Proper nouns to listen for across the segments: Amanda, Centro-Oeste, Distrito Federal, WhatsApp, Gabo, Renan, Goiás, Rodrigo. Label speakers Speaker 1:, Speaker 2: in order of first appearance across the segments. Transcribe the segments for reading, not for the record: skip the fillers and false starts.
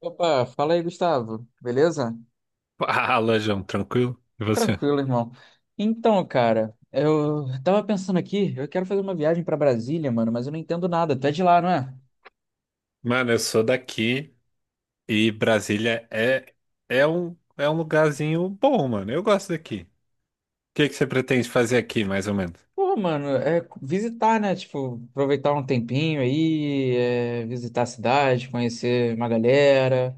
Speaker 1: Opa, fala aí, Gustavo. Beleza?
Speaker 2: Fala, João, tranquilo? E você?
Speaker 1: Tranquilo, irmão. Então, cara, eu tava pensando aqui, eu quero fazer uma viagem pra Brasília, mano, mas eu não entendo nada. Tu é de lá, não é?
Speaker 2: Mano, eu sou daqui e Brasília é um lugarzinho bom, mano. Eu gosto daqui. O que que você pretende fazer aqui, mais ou menos?
Speaker 1: Pô, mano, é visitar, né? Tipo, aproveitar um tempinho aí, visitar a cidade, conhecer uma galera.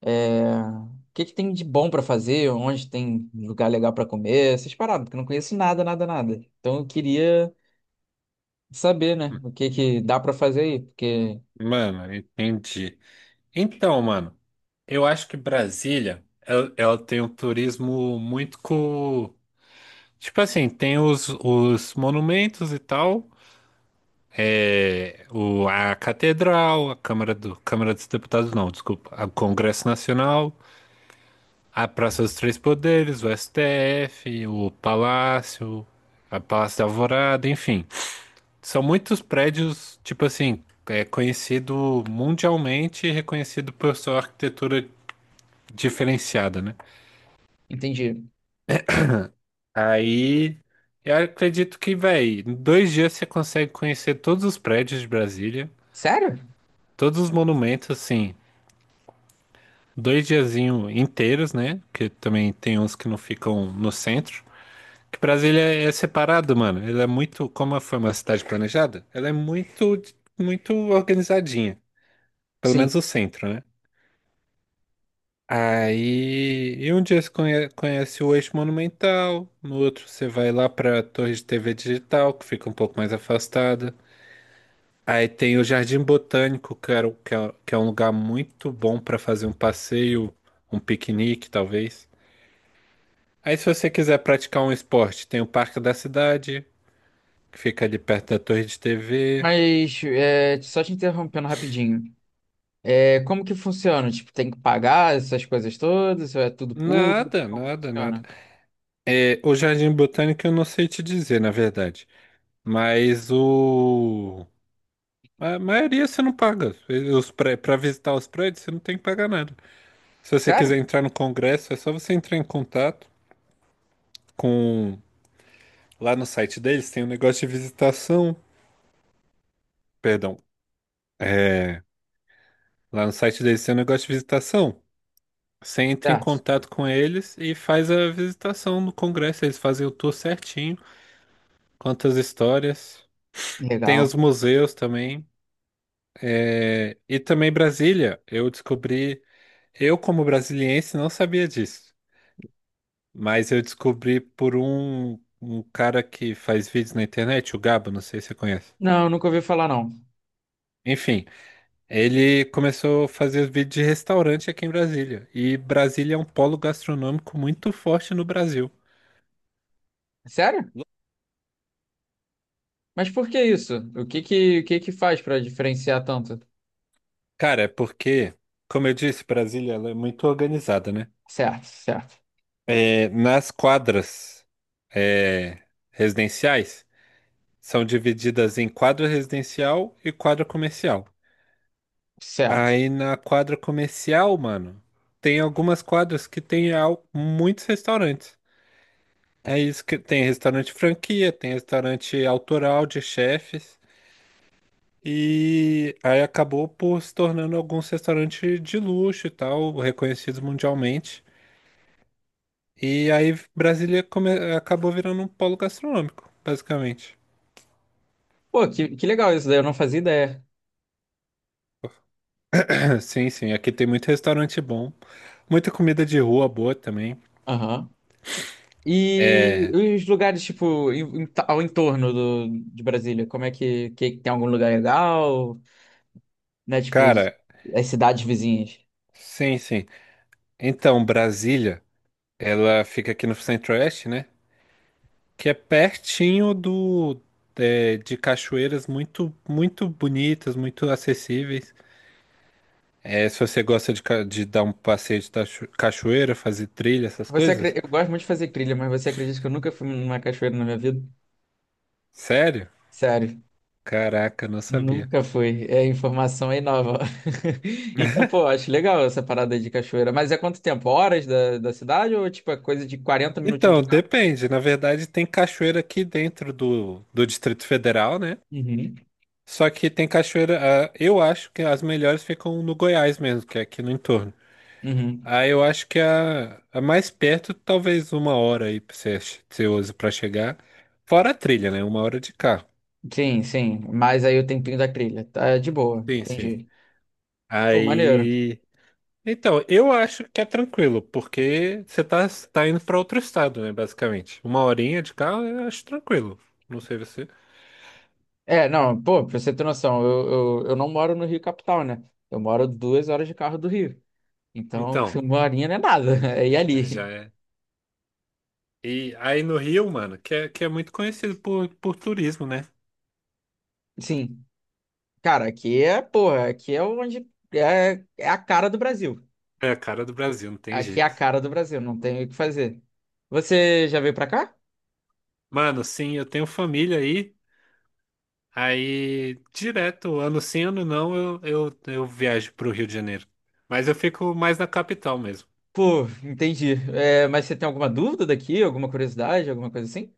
Speaker 1: O que que tem de bom pra fazer? Onde tem lugar legal pra comer? Essas paradas, porque eu não conheço nada, nada, nada. Então eu queria saber, né?
Speaker 2: Hum,
Speaker 1: O que que dá pra fazer aí, porque...
Speaker 2: Mano, entendi. Então, mano, eu acho que Brasília, ela tem um turismo muito. Tipo assim, tem os monumentos e tal, a Catedral, a Câmara dos Deputados, não, desculpa, o Congresso Nacional. A Praça dos Três Poderes, o STF, a Palácio da Alvorada, enfim. São muitos prédios, tipo assim, é conhecido mundialmente e reconhecido por sua arquitetura diferenciada, né?
Speaker 1: Entendi.
Speaker 2: Aí eu acredito que, véi, em 2 dias você consegue conhecer todos os prédios de Brasília,
Speaker 1: Sério?
Speaker 2: todos os monumentos, assim, dois diazinhos inteiros, né? Porque também tem uns que não ficam no centro. Que Brasília é separado, mano. Ela é muito, como foi uma cidade planejada, ela é muito, muito organizadinha. Pelo
Speaker 1: Sim,
Speaker 2: menos o centro, né? Aí, e um dia você conhece o Eixo Monumental, no outro você vai lá pra Torre de TV Digital, que fica um pouco mais afastada. Aí tem o Jardim Botânico, que, era, o- que é um lugar muito bom pra fazer um passeio, um piquenique, talvez. Aí, se você quiser praticar um esporte, tem o Parque da Cidade, que fica ali perto da Torre de TV.
Speaker 1: mas só te interrompendo rapidinho. É, como que funciona? Tipo, tem que pagar essas coisas todas? Ou é tudo público?
Speaker 2: Nada,
Speaker 1: Como
Speaker 2: nada, nada.
Speaker 1: funciona?
Speaker 2: É, o Jardim Botânico eu não sei te dizer, na verdade. Mas o. A maioria você não paga. Para visitar os prédios, você não tem que pagar nada. Se você
Speaker 1: Sério?
Speaker 2: quiser entrar no Congresso, é só você entrar em contato com. Lá no site deles tem um negócio de visitação. Perdão. É... Lá no site deles tem um negócio de visitação. Você entra em
Speaker 1: Certo.
Speaker 2: contato com eles e faz a visitação no Congresso. Eles fazem o tour certinho. Quantas histórias. Tem
Speaker 1: Legal.
Speaker 2: os museus também. E também Brasília. Eu descobri, eu como brasiliense não sabia disso, mas eu descobri por um cara que faz vídeos na internet, o Gabo, não sei se você conhece.
Speaker 1: Não, nunca ouvi falar não.
Speaker 2: Enfim, ele começou a fazer os vídeos de restaurante aqui em Brasília. E Brasília é um polo gastronômico muito forte no Brasil.
Speaker 1: Sério? Mas por que isso? O que que faz pra diferenciar tanto?
Speaker 2: Cara, é porque, como eu disse, Brasília ela é muito organizada, né?
Speaker 1: Certo, certo,
Speaker 2: É, nas quadras é, residenciais. São divididas em quadra residencial e quadra comercial.
Speaker 1: certo.
Speaker 2: Aí na quadra comercial, mano, tem algumas quadras que tem muitos restaurantes. É isso que tem restaurante franquia, tem restaurante autoral de chefes. E aí acabou por se tornando alguns restaurantes de luxo e tal, reconhecidos mundialmente. E aí Brasília acabou virando um polo gastronômico, basicamente.
Speaker 1: Pô, que legal isso daí, eu não fazia ideia.
Speaker 2: Sim, sim, aqui tem muito restaurante bom, muita comida de rua boa também.
Speaker 1: Aham. E os lugares, tipo, ao entorno de Brasília, como é que tem algum lugar legal? Né? Tipo,
Speaker 2: Cara,
Speaker 1: as cidades vizinhas.
Speaker 2: sim, sim. Então, Brasília, ela fica aqui no Centro-Oeste, né? Que é pertinho de cachoeiras muito, muito bonitas, muito acessíveis. É, se você gosta de dar um passeio de cachoeira, fazer trilha, essas coisas.
Speaker 1: Eu gosto muito de fazer trilha, mas você acredita que eu nunca fui numa cachoeira na minha vida?
Speaker 2: Sério?
Speaker 1: Sério,
Speaker 2: Caraca, não sabia.
Speaker 1: nunca fui. É a informação aí nova. Então, pô, acho legal essa parada de cachoeira. Mas é quanto tempo? Horas da cidade ou tipo é coisa de 40 minutinhos
Speaker 2: Então,
Speaker 1: de carro?
Speaker 2: depende. Na verdade, tem cachoeira aqui dentro do Distrito Federal, né?
Speaker 1: Uhum.
Speaker 2: Só que tem cachoeira, eu acho que as melhores ficam no Goiás mesmo, que é aqui no entorno.
Speaker 1: Uhum.
Speaker 2: Ah, eu acho que a mais perto, talvez uma hora aí pra você, usa pra chegar. Fora a trilha, né? Uma hora de carro.
Speaker 1: Sim, sim. Mas aí o tempinho da trilha. Tá de boa,
Speaker 2: Sim, sim.
Speaker 1: entendi. Pô, maneiro.
Speaker 2: Aí. Então, eu acho que é tranquilo, porque você tá indo pra outro estado, né? Basicamente. Uma horinha de carro, eu acho tranquilo. Não sei você.
Speaker 1: É, não, pô, pra você ter noção, eu não moro no Rio capital, né? Eu moro 2 horas de carro do Rio. Então,
Speaker 2: Então,
Speaker 1: uma horinha não é nada. É ir ali.
Speaker 2: já é. E aí no Rio, mano, que é muito conhecido por turismo, né?
Speaker 1: Sim, cara, aqui é, porra, aqui é onde é a cara do Brasil.
Speaker 2: É a cara do Brasil, não tem
Speaker 1: Aqui é a
Speaker 2: jeito.
Speaker 1: cara do Brasil, não tem o que fazer. Você já veio pra cá?
Speaker 2: Mano, sim, eu tenho família aí. Aí, direto, ano sim, ano não, eu viajo pro Rio de Janeiro. Mas eu fico mais na capital mesmo.
Speaker 1: Pô, entendi. É, mas você tem alguma dúvida daqui, alguma curiosidade, alguma coisa assim?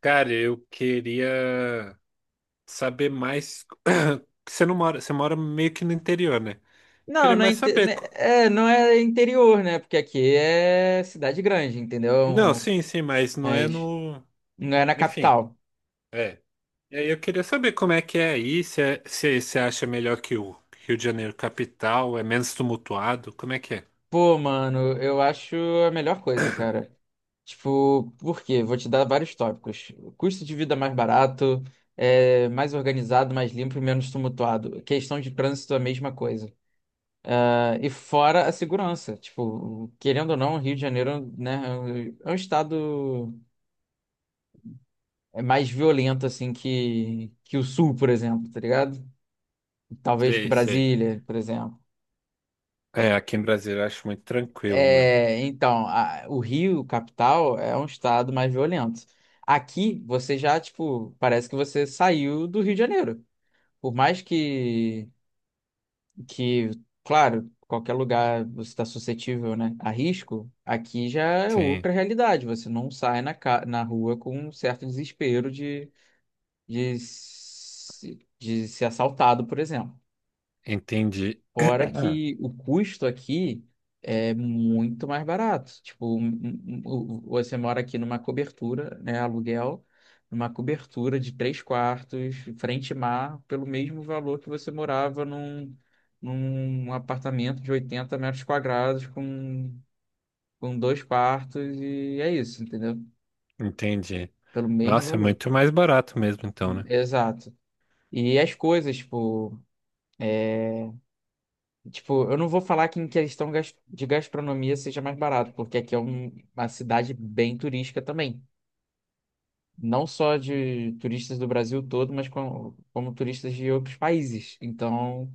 Speaker 2: Cara, eu queria saber mais. Você não mora, você mora meio que no interior, né?
Speaker 1: Não,
Speaker 2: Queria
Speaker 1: não é,
Speaker 2: mais saber.
Speaker 1: não é interior, né? Porque aqui é cidade grande,
Speaker 2: Não,
Speaker 1: entendeu?
Speaker 2: sim, sim, mas não é
Speaker 1: Mas
Speaker 2: no.
Speaker 1: não é na
Speaker 2: Enfim,
Speaker 1: capital.
Speaker 2: é. E aí eu queria saber como é que é aí, se você acha melhor que o Rio de Janeiro capital, é menos tumultuado, como é que é?
Speaker 1: Pô, mano, eu acho a melhor coisa, cara. Tipo, por quê? Vou te dar vários tópicos. Custo de vida mais barato, mais organizado, mais limpo e menos tumultuado. Questão de trânsito, a mesma coisa. Ah, e fora a segurança. Tipo, querendo ou não, o Rio de Janeiro, né, é um estado mais violento, assim, que o Sul, por exemplo, tá ligado? Talvez que
Speaker 2: Sei, sei.
Speaker 1: Brasília, por exemplo.
Speaker 2: É, aqui em Brasília eu acho muito tranquilo, mano.
Speaker 1: É, então, o Rio, capital, é um estado mais violento. Aqui, você já, tipo, parece que você saiu do Rio de Janeiro. Por mais que, que, claro, qualquer lugar você está suscetível, né, a risco, aqui já é
Speaker 2: Sim.
Speaker 1: outra realidade. Você não sai na rua com um certo desespero de, se- de ser assaltado, por exemplo.
Speaker 2: Entendi.
Speaker 1: Fora que o custo aqui é muito mais barato. Tipo, você mora aqui numa cobertura, né, aluguel, numa cobertura de três quartos, frente e mar, pelo mesmo valor que você morava num apartamento de 80 metros quadrados com dois quartos e é isso, entendeu?
Speaker 2: Entendi.
Speaker 1: Pelo mesmo
Speaker 2: Nossa, é
Speaker 1: valor.
Speaker 2: muito mais barato mesmo, então, né?
Speaker 1: Exato. E as coisas, é, Tipo, eu não vou falar que em questão de gastronomia seja mais barato, porque aqui é uma cidade bem turística também. Não só de turistas do Brasil todo, mas como turistas de outros países. Então,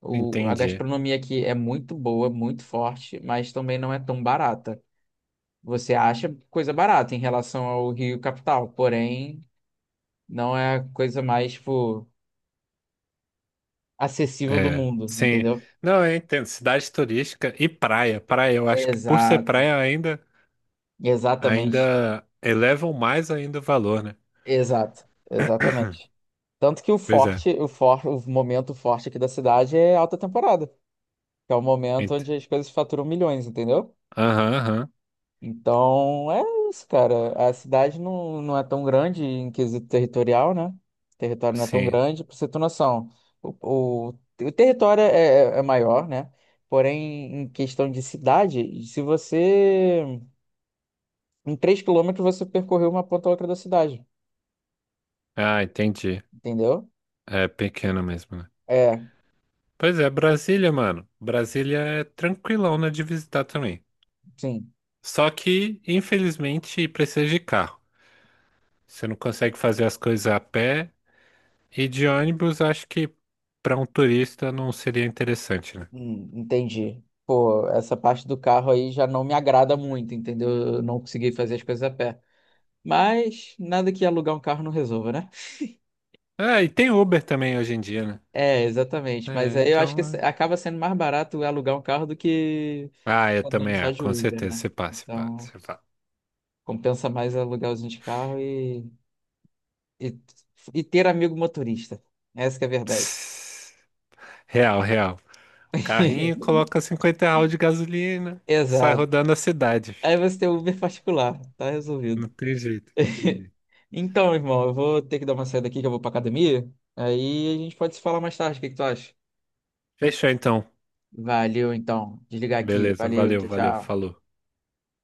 Speaker 1: a
Speaker 2: Entendi.
Speaker 1: gastronomia aqui é muito boa, muito forte, mas também não é tão barata. Você acha coisa barata em relação ao Rio capital, porém, não é a coisa mais, tipo, acessível do
Speaker 2: É.
Speaker 1: mundo,
Speaker 2: Sim.
Speaker 1: entendeu?
Speaker 2: Não, eu entendo. Cidade turística e praia. Praia, eu acho que por ser
Speaker 1: Exato.
Speaker 2: praia ainda,
Speaker 1: Exatamente.
Speaker 2: ainda elevam mais ainda o valor, né?
Speaker 1: Exato. Exatamente. Tanto que o
Speaker 2: Pois é.
Speaker 1: forte, o for, o momento forte aqui da cidade é alta temporada, que é o momento
Speaker 2: Ent-
Speaker 1: onde as coisas faturam milhões, entendeu?
Speaker 2: Aham, aham.
Speaker 1: Então é isso, cara. A cidade não é tão grande em quesito territorial, né? O território não é tão
Speaker 2: Sim.
Speaker 1: grande, pra você ter noção. O, o, o território é maior, né? Porém, em questão de cidade, se você. Em 3 quilômetros você percorreu uma ponta a outra da cidade,
Speaker 2: Ah, entendi.
Speaker 1: entendeu?
Speaker 2: É pequeno mesmo, né?
Speaker 1: É,
Speaker 2: Pois é, Brasília, mano. Brasília é tranquilão, né, de visitar também.
Speaker 1: sim.
Speaker 2: Só que, infelizmente, precisa de carro. Você não consegue fazer as coisas a pé. E de ônibus, acho que para um turista não seria interessante, né?
Speaker 1: Entendi. Pô, essa parte do carro aí já não me agrada muito, entendeu? Eu não consegui fazer as coisas a pé. Mas nada que alugar um carro não resolva, né?
Speaker 2: Ah, e tem Uber também hoje em dia, né?
Speaker 1: É, exatamente. Mas
Speaker 2: É,
Speaker 1: aí eu acho que
Speaker 2: então.
Speaker 1: acaba sendo mais barato alugar um carro do que
Speaker 2: Ah, eu
Speaker 1: andando
Speaker 2: também,
Speaker 1: só de
Speaker 2: com
Speaker 1: Uber,
Speaker 2: certeza.
Speaker 1: né?
Speaker 2: Você passa, você
Speaker 1: Então,
Speaker 2: passa, você
Speaker 1: compensa mais alugar usina de carro e, e ter amigo motorista. Essa que é a verdade.
Speaker 2: passa. Real, real. Carrinho, coloca 50 real de gasolina, sai
Speaker 1: Exato.
Speaker 2: rodando a cidade.
Speaker 1: Aí você tem o Uber particular, tá resolvido.
Speaker 2: Não tem jeito, não tem jeito.
Speaker 1: Então, irmão, eu vou ter que dar uma saída aqui que eu vou pra academia. Aí a gente pode se falar mais tarde. O que que tu acha?
Speaker 2: Fechou então.
Speaker 1: Valeu, então. Desligar aqui.
Speaker 2: Beleza,
Speaker 1: Valeu,
Speaker 2: valeu,
Speaker 1: tchau,
Speaker 2: valeu,
Speaker 1: tchau.
Speaker 2: falou.